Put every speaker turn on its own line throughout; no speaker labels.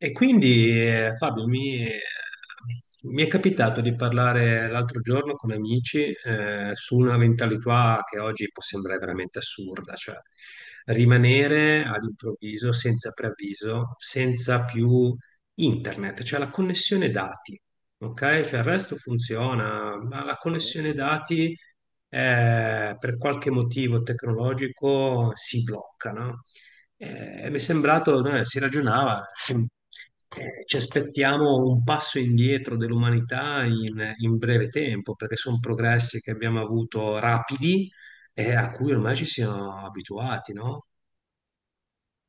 Fabio, mi è capitato di parlare l'altro giorno con amici su una mentalità che oggi può sembrare veramente assurda, cioè rimanere all'improvviso, senza preavviso, senza più internet, cioè la connessione dati, ok? Cioè il resto funziona, ma la connessione dati per qualche motivo tecnologico si blocca, no? Mi è sembrato, no, si ragionava, ci aspettiamo un passo indietro dell'umanità in breve tempo, perché sono progressi che abbiamo avuto rapidi e a cui ormai ci siamo abituati, no?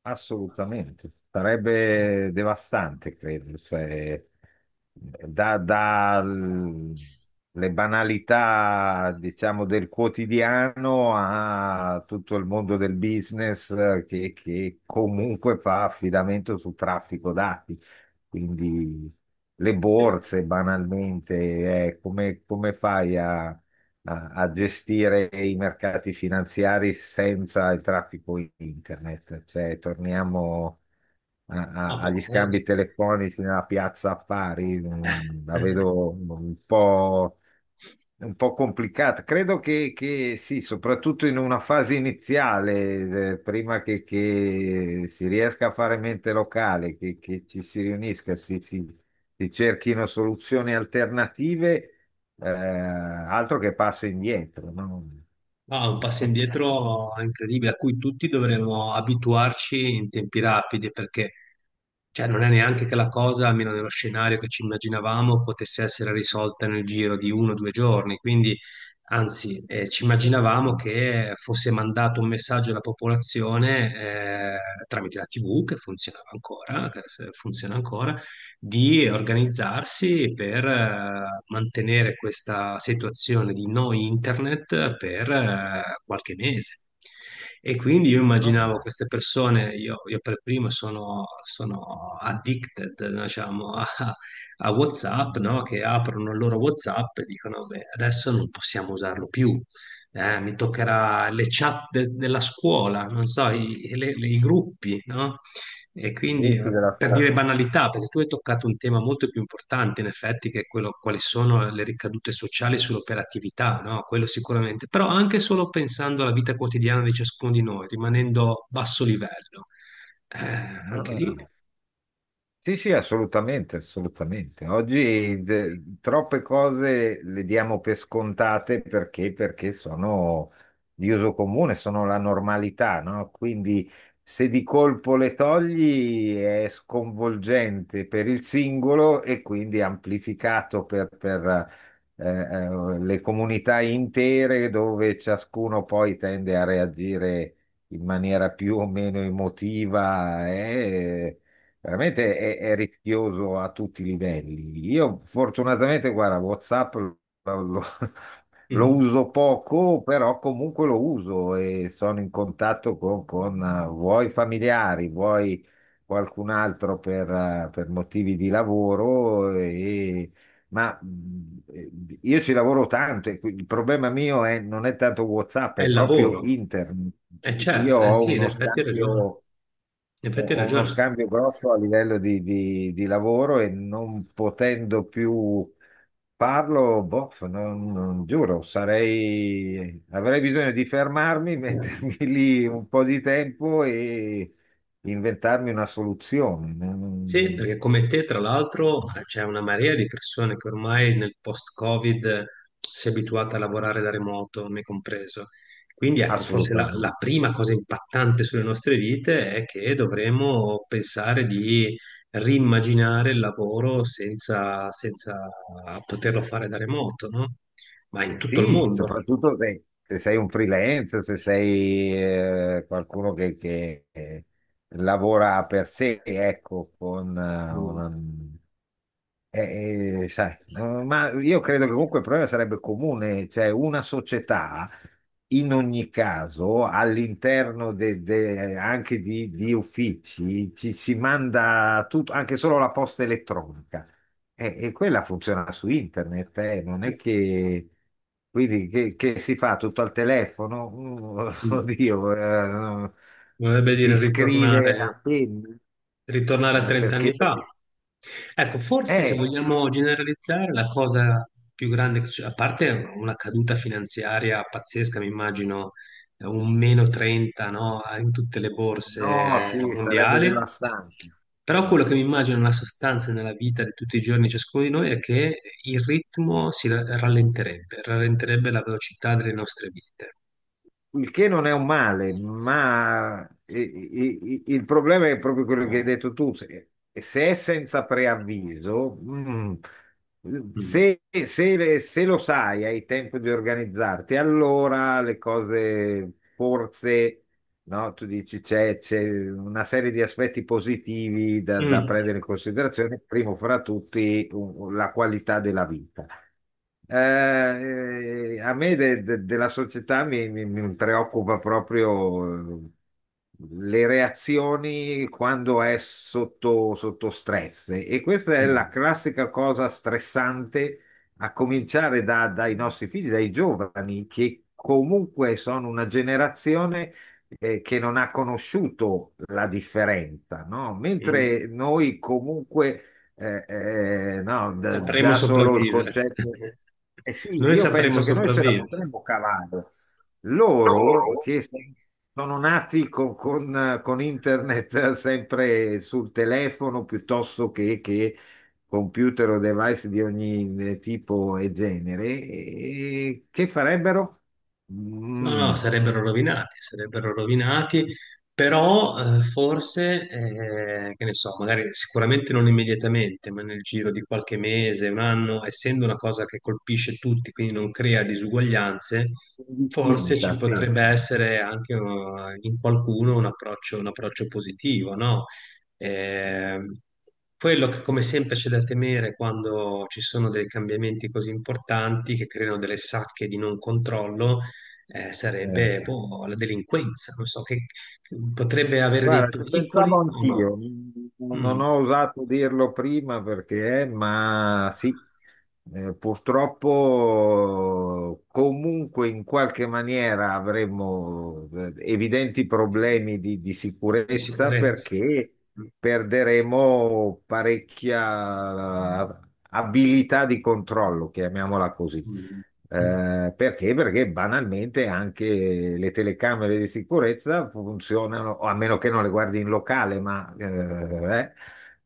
Assolutamente, sarebbe devastante, credo, se da, da l- le banalità, diciamo, del quotidiano a tutto il mondo del business che comunque fa affidamento su traffico dati. Quindi le borse, banalmente, come fai a gestire i mercati finanziari senza il traffico internet. Cioè, torniamo
No,
agli scambi
pazzesco.
telefonici nella piazza affari, la vedo un po'... È un po' complicata. Credo che sì, soprattutto in una fase iniziale, prima che si riesca a fare mente locale, che ci si riunisca, si cerchino soluzioni alternative, altro che passo indietro, no?
Ah, un passo indietro incredibile, a cui tutti dovremmo abituarci in tempi rapidi, perché cioè, non è neanche che la cosa, almeno nello scenario che ci immaginavamo, potesse essere risolta nel giro di uno o due giorni. Quindi, anzi, ci immaginavamo
No,
che fosse mandato un messaggio alla popolazione tramite la TV, che funzionava ancora, che funziona ancora di organizzarsi per mantenere questa situazione di no internet per qualche mese. E quindi io
no, no.
immaginavo queste persone, io per primo sono, sono addicted, diciamo, a, a WhatsApp, no? Che aprono il loro WhatsApp e dicono, beh, adesso non possiamo usarlo più. Mi toccherà le chat della scuola, non so, i gruppi, no? E
I
quindi
gruppi della
per
scuola.
dire banalità, perché tu hai toccato un tema molto più importante, in effetti, che è quello quali sono le ricadute sociali sull'operatività, no? Quello sicuramente, però anche solo pensando alla vita quotidiana di ciascuno di noi, rimanendo a basso livello,
No,
anche
no.
lì
Sì, sì, assolutamente, assolutamente. Oggi troppe cose le diamo per scontate perché sono di uso comune, sono la normalità, no? Quindi se di colpo le togli è sconvolgente per il singolo e quindi amplificato per le comunità intere dove ciascuno poi tende a reagire in maniera più o meno emotiva. Veramente è rischioso a tutti i livelli. Io fortunatamente, guarda, WhatsApp lo- lo
mhm,
uso poco, però comunque lo uso e sono in contatto con vuoi familiari, vuoi qualcun altro per motivi di lavoro. Ma mh, io ci lavoro tanto e il problema mio è, non è tanto WhatsApp,
è
è
il
proprio
lavoro,
internet.
è
Io
certo,
ho
sì, in
uno
effetti hai
scambio
ragione,
ho
in effetti hai
ho uno
ragione.
scambio grosso a livello di, di lavoro e non potendo più farlo, boh, giuro, sarei, avrei bisogno di fermarmi, mettermi lì un po' di tempo e inventarmi una soluzione.
Sì, perché come te, tra l'altro, c'è una marea di persone che ormai nel post-Covid si è abituata a lavorare da remoto, me compreso. Quindi ecco, forse
Assolutamente.
la prima cosa impattante sulle nostre vite è che dovremo pensare di rimmaginare il lavoro senza poterlo fare da remoto, no? Ma in tutto il
Sì,
mondo.
soprattutto se, se sei un freelance, se sei qualcuno che lavora per sé, ecco, con
Mm.
una... sai, ma io credo che comunque il problema sarebbe comune, cioè una società in ogni caso all'interno anche di uffici ci si manda tutto, anche solo la posta elettronica. E quella funziona su internet, non
Eh,
è che, quindi che si fa tutto al telefono.
mm.
Oddio, no,
Vorrebbe
si
dire
scrive
ritornare.
a penna,
Ritornare a
eh,
30
perché,
anni fa.
perché,
Ecco, forse se
eh,
vogliamo generalizzare, la cosa più grande, che a parte una caduta finanziaria pazzesca, mi immagino un meno 30, no, in tutte le
no,
borse
sì, sarebbe
mondiali,
devastante.
però quello che mi immagino nella sostanza e nella vita di tutti i giorni ciascuno di noi è che il ritmo si rallenterebbe, rallenterebbe la velocità delle nostre vite.
Il che non è un male, ma il problema è proprio quello che hai detto tu. Se, se è senza preavviso,
Mm.
se lo sai, hai tempo di organizzarti, allora le cose forse, no? Tu dici c'è una serie di aspetti positivi da
Mm.
prendere in considerazione, primo fra tutti la qualità della vita. A me della società mi preoccupa proprio le reazioni quando è sotto stress e questa è la
Mm.
classica cosa stressante a cominciare dai nostri figli, dai giovani, che comunque sono una generazione che non ha conosciuto la differenza, no?
Mm.
Mentre noi comunque no,
Sapremo
già solo il
sopravvivere.
concetto. Eh sì,
Noi
io
sapremo
penso che noi ce la
sopravvivere.
potremmo cavare. Loro
Loro?
che so- Sono nati con internet sempre sul telefono piuttosto che computer o device di ogni tipo e genere, e che farebbero?
No, no,
Mm,
sarebbero rovinati, però forse, che ne so, magari sicuramente non immediatamente, ma nel giro di qualche mese, un anno, essendo una cosa che colpisce tutti, quindi non crea disuguaglianze, forse
distinta,
ci
sì,
potrebbe
sì.
essere anche in qualcuno un approccio positivo, no? Eh, quello che come sempre c'è da temere quando ci sono dei cambiamenti così importanti che creano delle sacche di non controllo sarebbe
Sì.
boh, la delinquenza, non so, che potrebbe avere dei
Guarda, ci
pericoli
pensavo
o
anch'io,
no?
non
Mm,
ho osato dirlo prima perché, ma sì, purtroppo comunque in qualche maniera avremo evidenti problemi di,
di
sicurezza
sicurezza.
perché
Mm,
perderemo parecchia abilità di controllo, chiamiamola così.
mm, mm,
Perché? Perché banalmente anche le telecamere di sicurezza funzionano, o a meno che non le guardi in locale, ma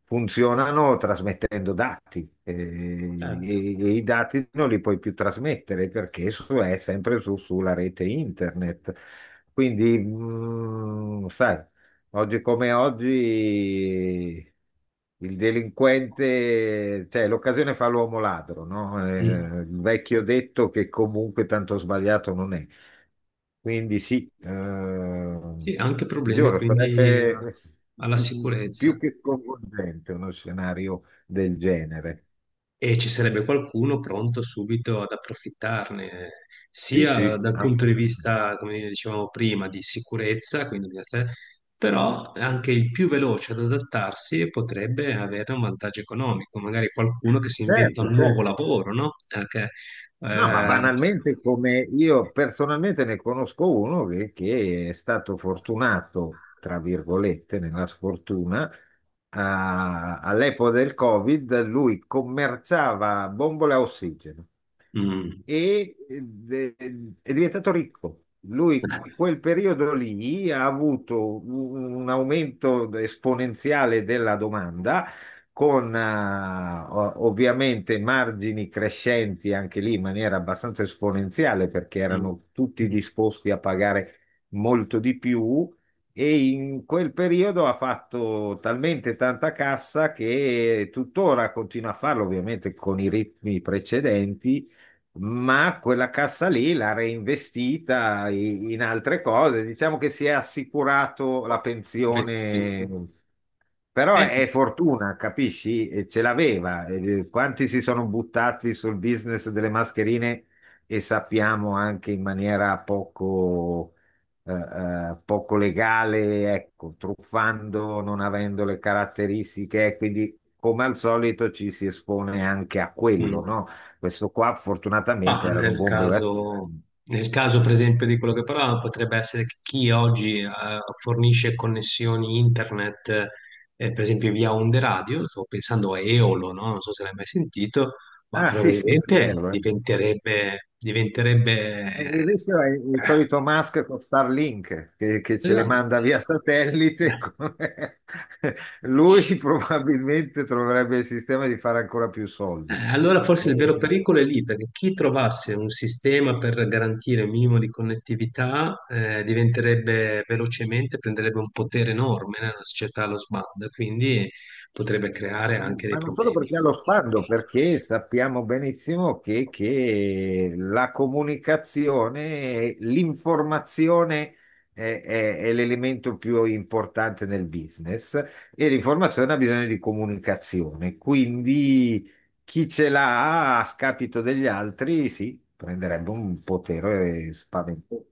funzionano trasmettendo dati.
certo.
E i dati non li puoi più trasmettere perché è sempre sulla rete internet. Quindi, sai, oggi come oggi il delinquente, cioè l'occasione fa l'uomo ladro, no?
Mm.
Il vecchio detto che comunque tanto sbagliato non è. Quindi sì,
Sì, anche problemi
giuro,
quindi
sarebbe
alla sicurezza.
più che coinvolgente uno scenario del genere.
E ci sarebbe qualcuno pronto subito ad approfittarne,
Sì,
sia
sì,
dal punto di
assolutamente.
vista, come dicevamo prima, di sicurezza, quindi bisogna stare- però anche il più veloce ad adattarsi potrebbe avere un vantaggio economico, magari qualcuno che si inventa
Certo,
un nuovo
certo.
lavoro, no? Che,
No, ma
eh,
banalmente come io personalmente ne conosco uno che è stato fortunato, tra virgolette, nella sfortuna, all'epoca del Covid, lui commerciava bombole a ossigeno
mm,
e eh, è diventato ricco. Lui, in quel periodo lì, ha avuto un aumento esponenziale della domanda, con ovviamente margini crescenti anche lì in maniera abbastanza esponenziale, perché erano
mm,
tutti
mm,
disposti a pagare molto di più. E in quel periodo ha fatto talmente tanta cassa che tuttora continua a farlo, ovviamente con i ritmi precedenti, ma quella cassa lì l'ha reinvestita in altre cose. Diciamo che si è assicurato la pensione, però
eh,
è fortuna, capisci? E ce l'aveva. Quanti si sono buttati sul business delle mascherine e sappiamo anche in maniera poco legale, ecco, truffando, non avendo le caratteristiche, quindi come al solito ci si espone anche a quello,
mm.
no? Questo qua fortunatamente
Ma
erano bombole.
nel caso, per esempio, di quello che parlavamo, potrebbe essere che chi oggi fornisce connessioni internet, per esempio via onde radio, sto pensando a Eolo, no? Non so se l'hai mai sentito, ma
Ah,
però,
sì, sì, sì,
probabilmente
euro, eh.
diventerebbe, diventerebbe...
E il rischio è il solito Musk con Starlink che ce le
esatto.
manda via satellite. Come... lui probabilmente troverebbe il sistema di fare ancora più soldi.
Allora forse il vero
Eh,
pericolo è lì, perché chi trovasse un sistema per garantire un minimo di connettività diventerebbe velocemente, prenderebbe un potere enorme nella società allo sbando, e quindi potrebbe creare anche dei
Ma non solo
problemi.
perché ha lo sguardo, perché sappiamo benissimo che la comunicazione, l'informazione è l'elemento più importante nel business e l'informazione ha bisogno di comunicazione. Quindi chi ce l'ha a scapito degli altri, sì, prenderebbe un potere spaventoso.